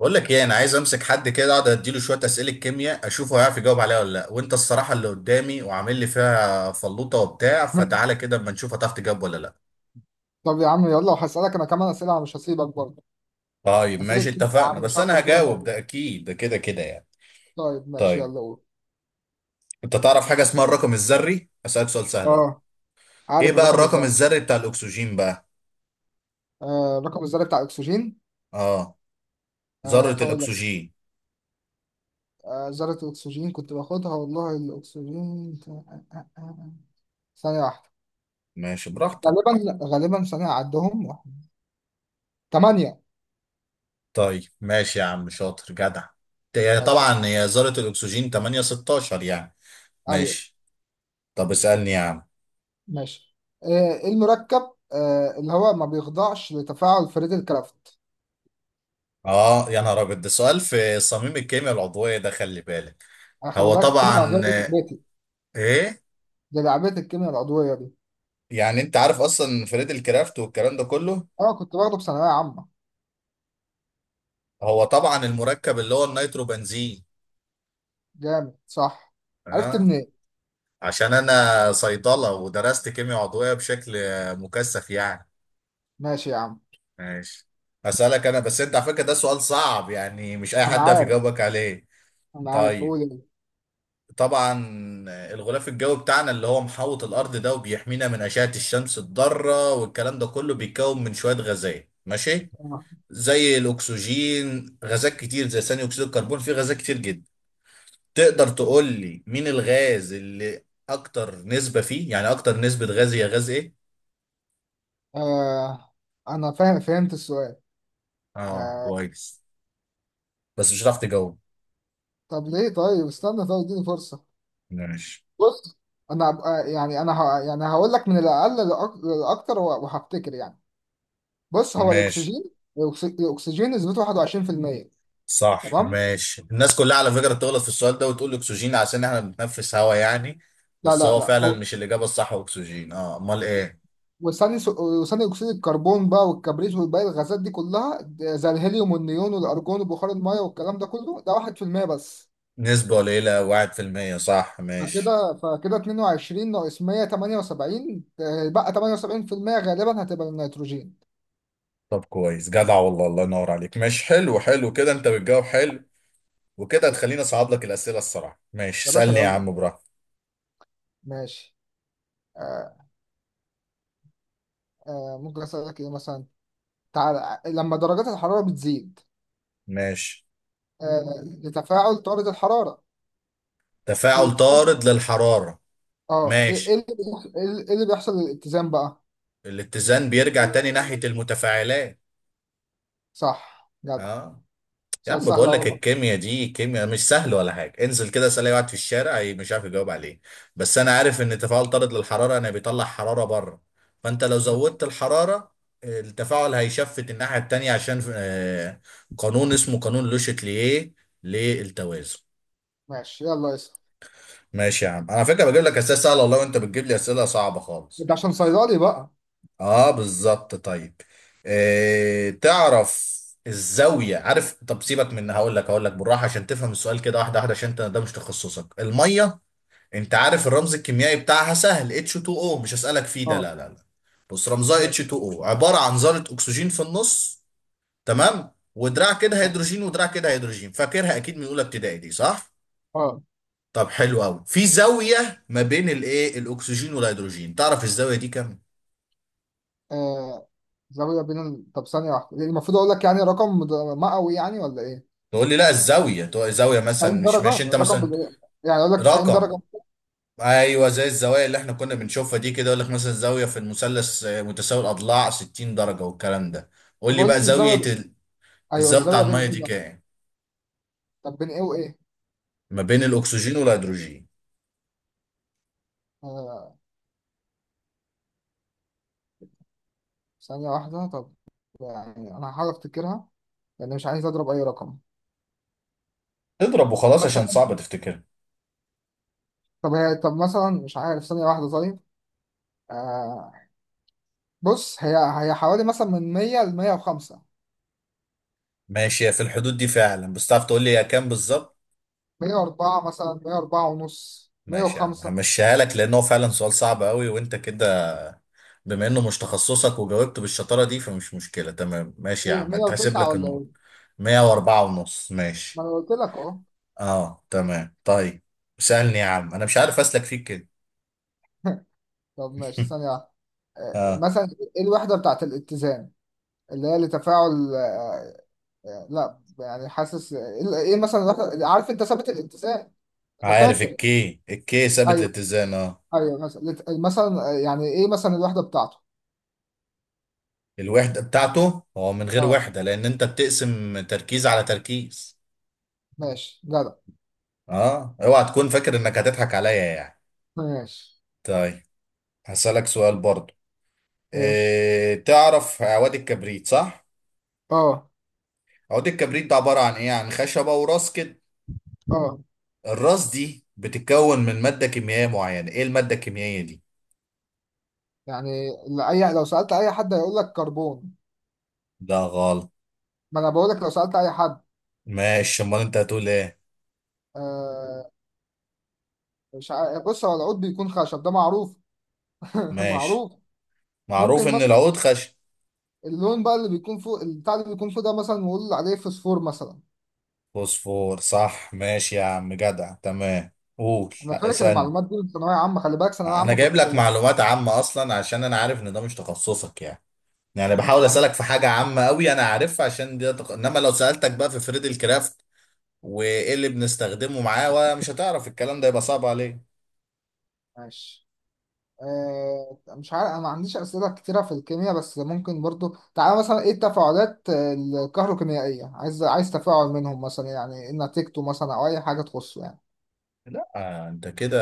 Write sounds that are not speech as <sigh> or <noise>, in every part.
بقول لك ايه، انا عايز امسك حد كده اقعد اديله شويه اسئله كيمياء اشوف هو هيعرف يجاوب عليها ولا لا. وانت الصراحه اللي قدامي وعامل لي فيها فلوطه وبتاع، فتعالى كده اما نشوف هتعرف تجاوب ولا لا. طب يا عم، يلا وهسألك انا كمان اسئله، مش هسيبك برضه. طيب اسئله ماشي كتير يا اتفقنا، عم، بس انا شكله كده هجاوب موجود. ده اكيد، ده كده كده يعني. طيب ماشي، طيب، يلا قول. انت تعرف حاجه اسمها الرقم الذري؟ اسالك سؤال سهل اهو. اه، ايه عارف بقى الرقم الرقم الذري. الذري بتاع الاكسجين بقى؟ الرقم الذري بتاع الاكسجين. اه، ذره هقول لك. الاكسجين. ذره الاكسجين كنت باخدها والله، الاكسجين. ثانيه واحده. ماشي براحتك. غالبا ثانيه عدهم. ثمانيه. طيب ماشي يا عم، شاطر جدع. هي ماشي. طبعا هي ذره الاكسجين 8 16 يعني. ايوه. ماشي. طب اسالني يا عم. ماشي. آه إيه المركب اللي هو ما بيخضعش لتفاعل فريد الكرافت. اه يا نهار ابيض، ده سؤال في صميم الكيمياء العضويه ده، خلي بالك. انا خلي هو بالك، الكيمياء العضويه طبعا دي لعبتي. ايه، دي لعبتي الكيمياء العضويه دي. يعني انت عارف اصلا فريد الكرافت والكلام ده كله. اه كنت باخده في ثانوية عامة. هو طبعا المركب اللي هو النيترو بنزين. جامد صح؟ عرفت اه، منين؟ عشان انا صيدله ودرست كيمياء عضويه بشكل مكثف يعني. ماشي يا عم. ماشي. اسالك انا بس، انت على فكره ده سؤال صعب يعني، مش اي انا حد في عارف. يجاوبك عليه. انا عارف، طيب، قول ايه. طبعا الغلاف الجوي بتاعنا اللي هو محوط الارض ده وبيحمينا من اشعه الشمس الضاره والكلام ده كله بيتكون من شويه غازات ماشي، آه. زي الاكسجين غازات كتير، زي ثاني اكسيد الكربون، في غازات كتير جدا. تقدر تقول لي مين الغاز اللي اكتر نسبه فيه؟ يعني اكتر نسبه غاز هي غاز ايه؟ آه. انا فاهم، فهمت السؤال. اه آه. كويس، بس مش هتعرف تجاوب. طب ليه؟ طيب استنى، طيب اديني فرصة. ماشي. بص، انا هبقى يعني هقول لك من الاقل للاكتر وهفتكر يعني. بص، هو ماشي الاكسجين. الاكسجين نسبته 21%. صح. تمام. ماشي، الناس كلها على فكرة تغلط في السؤال ده وتقول اكسجين عشان احنا بنتنفس هوا يعني، لا بس لا هو فعلا لا. مش الإجابة الصح. هو اكسجين؟ اه، امال ايه. وثاني اكسيد الكربون بقى، والكبريت، والباقي الغازات دي كلها زي الهيليوم والنيون والارجون وبخار الميه والكلام ده كله، ده 1% بس. نسبة قليلة، واحد في المية، صح ماشي. فكده 22 ناقص 100، 78، بقى 78% غالبا هتبقى النيتروجين. طب كويس جدع والله، الله ينور عليك، ماشي حلو، حلو كده، انت بتجاوب حلو. وكده هتخليني اصعب لك الأسئلة الصراحة. ماشي يا باشا اسألني يا يلا. عم براحتك. ماشي. آه. ممكن اسالك ايه مثلا؟ تعالى، لما درجات الحراره بتزيد ماشي. لتفاعل طارد الحراره، تفاعل الاتزان، طارد للحرارة. اه، ايه ماشي. اللي بيحصل؟ إيه اللي بيحصل للاتزان بقى؟ الاتزان بيرجع تاني ناحية المتفاعلات. صح، جدع. اه. يا سؤال عم سهل بقول لك اهو. الكيمياء دي كيمياء مش سهل ولا حاجه، انزل كده اسال اي واحد في الشارع مش عارف يجاوب عليه. بس انا عارف ان تفاعل طارد للحراره انا بيطلع حراره بره، فانت لو زودت الحراره التفاعل هيشفت الناحيه التانيه عشان قانون اسمه قانون لوشتليه للتوازن. ماشي، يلا اسأل. ماشي يا عم، انا على فكره بجيب لك اسئله سهله والله وانت بتجيب لي اسئله صعبه خالص. انت عشان صيدلي بقى. اه بالظبط. طيب، آه تعرف الزاوية؟ عارف؟ طب سيبك، من هقول لك، هقول لك بالراحة عشان تفهم السؤال كده واحدة واحدة عشان انت ده مش تخصصك المية. انت عارف الرمز الكيميائي بتاعها؟ سهل، H2O. مش هسألك فيه ده، اه. لا لا لا. بص رمزها ماشي. H2O، عبارة عن ذرة أكسجين في النص، تمام، ودراع كده اه هيدروجين ودراع كده هيدروجين. فاكرها أكيد من أولى ابتدائي دي، صح؟ آه، طب حلو أوي، في زاوية ما بين الإيه، الأكسجين والهيدروجين، تعرف الزاوية دي كام؟ آه، زاوية طب ثانية واحدة، يعني المفروض اقول لك يعني رقم مئوي يعني، ولا ايه؟ تقول لي لا الزاويه، تقول زاويه 90 مثلا مش، درجة. ماشي انت رقم مثلا، بال- يعني اقول لك 90 رقم. درجة. ايوه، زي الزوايا اللي احنا كنا بنشوفها دي كده، يقول لك مثلا زاويه في المثلث متساوي الاضلاع 60 درجه والكلام ده. قول طب لي قول بقى لي زاويه الزاوية ب... ايوه، الزاويه بتاع الزاوية بين الميه ايه دي بقى؟ كام؟ طب بين ايه وايه؟ ما بين الاكسجين والهيدروجين. آه. ثانية واحدة طب. يعني انا هحاول افتكرها، لان مش عايز اضرب اي رقم. اضرب وخلاص عشان مثلا. صعب تفتكرها. طب هي طب مثلا مش عارف، ثانية واحدة طيب. آه. بص، هي حوالي مثلا من 100 ل 105. ماشي هي في الحدود دي فعلا، بس تعرف تقول لي هي كام بالظبط؟ 104 مثلا، 104 ونص، ماشي يا عم 105. همشيها لك، لان هو فعلا سؤال صعب قوي وانت كده بما انه مش تخصصك وجاوبت بالشطاره دي فمش مشكله، تمام، ماشي يا ايه، عم هتحسب 109 لك ولا النقطه. ايه؟ 104 ونص، ما ماشي. انا قلت لك اهو. اه تمام، طيب. سألني يا عم، انا مش عارف اسلك فيك كده. <laughs> طب ماشي، ثانية واحدة. اه مثلا، ايه الوحدة بتاعت الاتزان اللي هي لتفاعل، لا يعني حاسس ايه، إيه مثلا الوحدة؟ عارف انت ثابت الاتزان. انا عارف، فاكر. الكي، الكي ثابت ايوه. الاتزان، اه. ايوه، مثلا يعني ايه مثلا الوحدة بتاعته؟ الوحدة بتاعته هو من غير اه. وحدة لان انت بتقسم تركيز على تركيز. ماشي، جدع. اه اوعى تكون فاكر انك هتضحك عليا يعني. ماشي. طيب، هسألك سؤال برضو. ماشي. إيه، تعرف عواد الكبريت، صح؟ اه. عواد الكبريت ده عبارة عن ايه؟ عن خشبة وراس كده، اه. الراس دي بتتكون من مادة كيميائية معينة، ايه المادة الكيميائية دي؟ يعني ال- اي لو سألت اي حد هيقول لك كربون. ده غلط. ما انا بقول لك لو سألت اي حد. ماشي، امال انت هتقول ايه؟ آه، مش ع... بص، هو العود بيكون خشب، ده معروف. <laughs> ماشي. معروف. معروف ممكن ان مثلا العود خشن. اللون بقى اللي بيكون فوق البتاع اللي بيكون فوق ده، مثلا نقول عليه فوسفور مثلا. فوسفور، صح، ماشي يا عم، جدع تمام. قول انا لا، فاكر اسألني. المعلومات دي من ثانويه عامه، خلي بالك، ثانويه انا عامه جايب كنت. لك <laughs> معلومات عامة اصلا عشان انا عارف ان ده مش تخصصك يعني. يعني ماشي بحاول يا عم. اسألك في حاجة عامة قوي انا عارفها عشان دي انما لو سألتك بقى في فريد الكرافت وايه اللي بنستخدمه معاه ومش هتعرف الكلام ده يبقى صعب عليك. ماشي. مش عارف، انا ما عنديش اسئله كتيره في الكيمياء، بس ممكن برضو تعالى مثلا، ايه التفاعلات الكهروكيميائيه؟ عايز تفاعل منهم مثلا، يعني ايه نتيجته مثلا، او اي حاجه تخصه يعني. لا انت كده،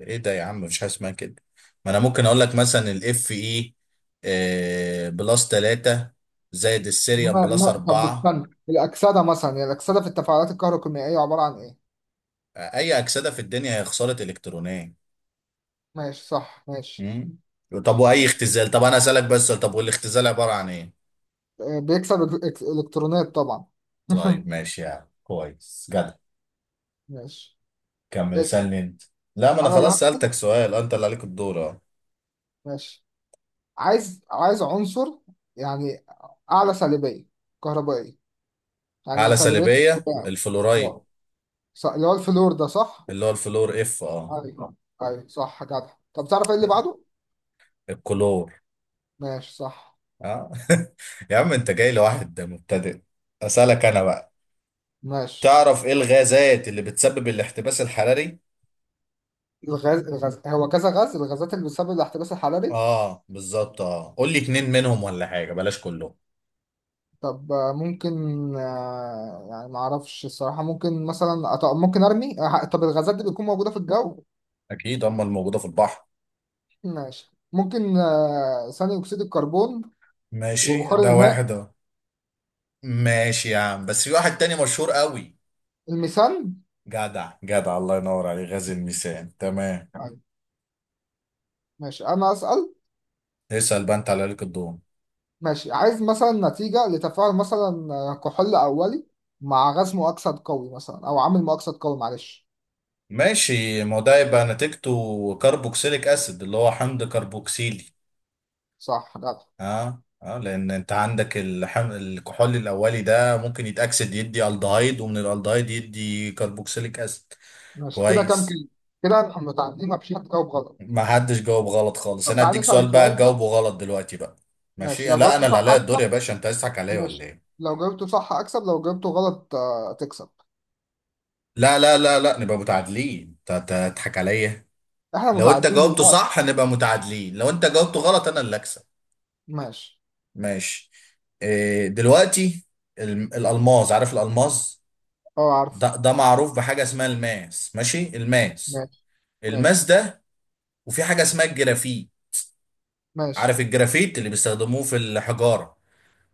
ايه ده يا عم، مفيش حاجه اسمها كده. ما انا ممكن اقول لك مثلا الاف اي بلس 3 زائد السيريوم ما... بلس ما... طب 4. استنى، الاكسده مثلا، يعني الاكسده في التفاعلات الكهروكيميائيه عباره عن ايه؟ اي اكسده في الدنيا هي خساره الكترونيه. ماشي. صح ماشي. مم. طب واي ماشي. اختزال، طب انا اسالك بس سؤال، طب والاختزال عباره عن ايه؟ بيكسب الكترونات طبعا. طيب <laughs> ماشي يعني، كويس جدع. ماشي. كمل اسأل. اسالني انت. لا ما انا انا اللي خلاص ه- سالتك سؤال انت اللي عليك الدور، اه. ماشي. عايز عنصر يعني اعلى سالبية كهربائية، يعني اعلى سلبيه، الفلورايد، اه. اللي هو الفلور ده، صح؟ اللي هو الفلور، اف، اه. ايوه. ايوه، صح، جدع. طب تعرف ايه اللي بعده؟ الكلور، ماشي، صح اه. <laughs> يا عم انت جاي لواحد مبتدئ. اسالك انا بقى، ماشي. تعرف ايه الغازات اللي بتسبب الاحتباس الحراري؟ الغاز هو كذا غاز، الغازات اللي بتسبب الاحتباس الحراري. اه بالظبط، اه، قول لي اتنين منهم ولا حاجه، بلاش كلهم. طب ممكن، يعني ما اعرفش الصراحة، ممكن مثلا ممكن ارمي، طب الغازات دي بتكون موجودة في الجو. اكيد هم الموجوده في البحر. ماشي، ممكن ثاني اكسيد الكربون، ماشي وبخار ده الماء، واحد اهو. ماشي يا عم بس في واحد تاني مشهور قوي. الميثان. جدع جدع، الله ينور عليه، غاز الميثان تمام. أيوة. ماشي انا اسأل. اسال بقى، انت على ليك الدور. ماشي. عايز مثلا نتيجة لتفاعل مثلا، كحول اولي مع غاز مؤكسد قوي مثلا، او عامل مؤكسد قوي، معلش. ماشي، ما هو ده يبقى نتيجته كربوكسيليك اسيد، اللي هو حمض كربوكسيلي. صح، جدع. اه اه، لان انت عندك الكحول الاولي ده ممكن يتاكسد يدي الدهايد، ومن الالدهايد يدي كربوكسيليك اسيد. ماشي كده، كام كويس. كلمة؟ كده احنا متعدين، ما فيش حد جاوب غلط. ما حدش جاوب غلط خالص، طب انا تعالى اديك نسأل سؤال بقى سؤال بقى. تجاوبه غلط دلوقتي بقى. ماشي، ماشي. لو لا جاوبته انا اللي صح. عليا الدور يا باشا، انت عايز تضحك عليا ولا ماشي، ايه؟ لو جاوبته صح اكسب، لو جاوبته غلط تكسب. لا لا لا لا، نبقى متعادلين، تضحك عليا. احنا لو انت متعادلين جاوبته دلوقتي. صح هنبقى متعادلين، لو انت جاوبته غلط انا اللي اكسب. ماشي. ماشي. إيه دلوقتي، الالماس، عارف الالماس؟ اه، عارف. ده ده معروف بحاجه اسمها الماس، ماشي، الماس. ماشي. الماس ماشي. ده، وفي حاجه اسمها الجرافيت. ماشي. عارف الجرافيت اللي بيستخدموه في الحجاره؟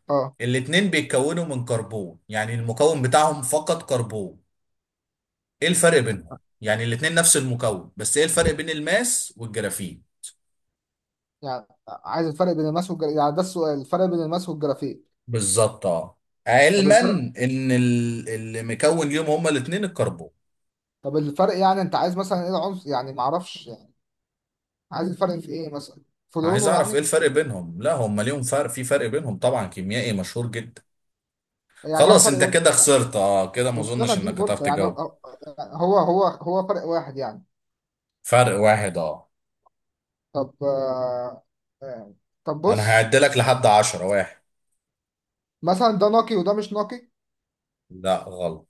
اه، الاتنين بيتكونوا من كربون، يعني المكون بتاعهم فقط كربون. ايه الفرق بينهم؟ يعني الاتنين نفس المكون، بس ايه الفرق بين الماس والجرافيت؟ يعني عايز الفرق بين الماس والجرافيك، يعني ده السؤال، الفرق بين الماس والجرافيك؟ بالظبط اه، طب علما الفرق. ان اللي مكون ليهم هما الاتنين الكربون. طب الفرق، يعني انت عايز مثلا ايه العنصر، يعني معرفش يعني، عايز الفرق في ايه مثلا؟ في عايز لونه اعرف يعني؟ ايه الفرق بينهم. لا هما ليهم فرق، في فرق بينهم طبعا كيميائي مشهور جدا. يعني هو خلاص فرق انت واحد؟ كده خسرت، اه كده ما طب استنى، اظنش اديني انك هتعرف فرصة. يعني تجاوب. هو، هو هو فرق واحد يعني؟ فرق واحد، اه. طب آه. آه. طب انا بص، هعدلك لحد عشرة واحد. مثلا ده نقي وده مش نقي. لا غلط.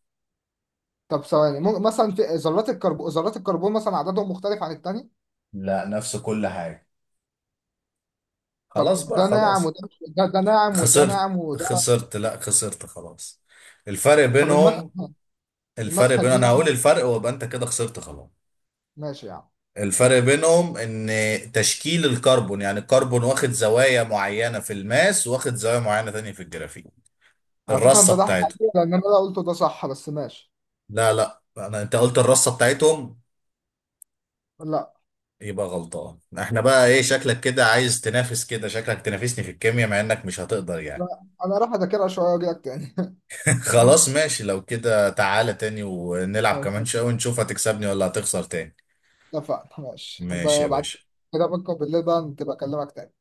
طب ثواني، ممكن مثلا في ذرات الكربون، مثلا عددهم مختلف عن التاني. لا، نفس كل حاجة. طب خلاص بقى ده ناعم خلاص. وده، ده, ده ناعم وده خسرت. ناعم وده خسرت، لا خسرت خلاص. الفرق طب بينهم. الفرق بين، انا المسحجين. هقول الفرق وابقى انت كده خسرت خلاص. ماشي يعني. الفرق بينهم ان تشكيل الكربون، يعني الكربون واخد زوايا معينة في الماس واخد زوايا معينة تانية في الجرافيت، على فكرة انت الرصة ضحك بتاعته. عليا، لان انا لا قلته ده صح، بس ماشي. لا لا، انا انت قلت الرصة بتاعتهم، لا. يبقى غلطان. احنا بقى ايه، ماشي. شكلك كده عايز تنافس، كده شكلك تنافسني في الكيمياء مع انك مش هتقدر يعني. لا، انا راح اذاكرها شوية واجي لك تاني. <laughs> <laughs> خلاص ماشي، لو كده تعالى تاني ونلعب كمان شوية اتفقنا. ونشوف هتكسبني ولا هتخسر تاني. اتفقنا. ماشي ماشي يا بعد باشا. كده، بكره بالليل بقى تبقى اكلمك تاني.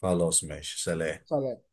خلاص ماشي، سلام. سلام.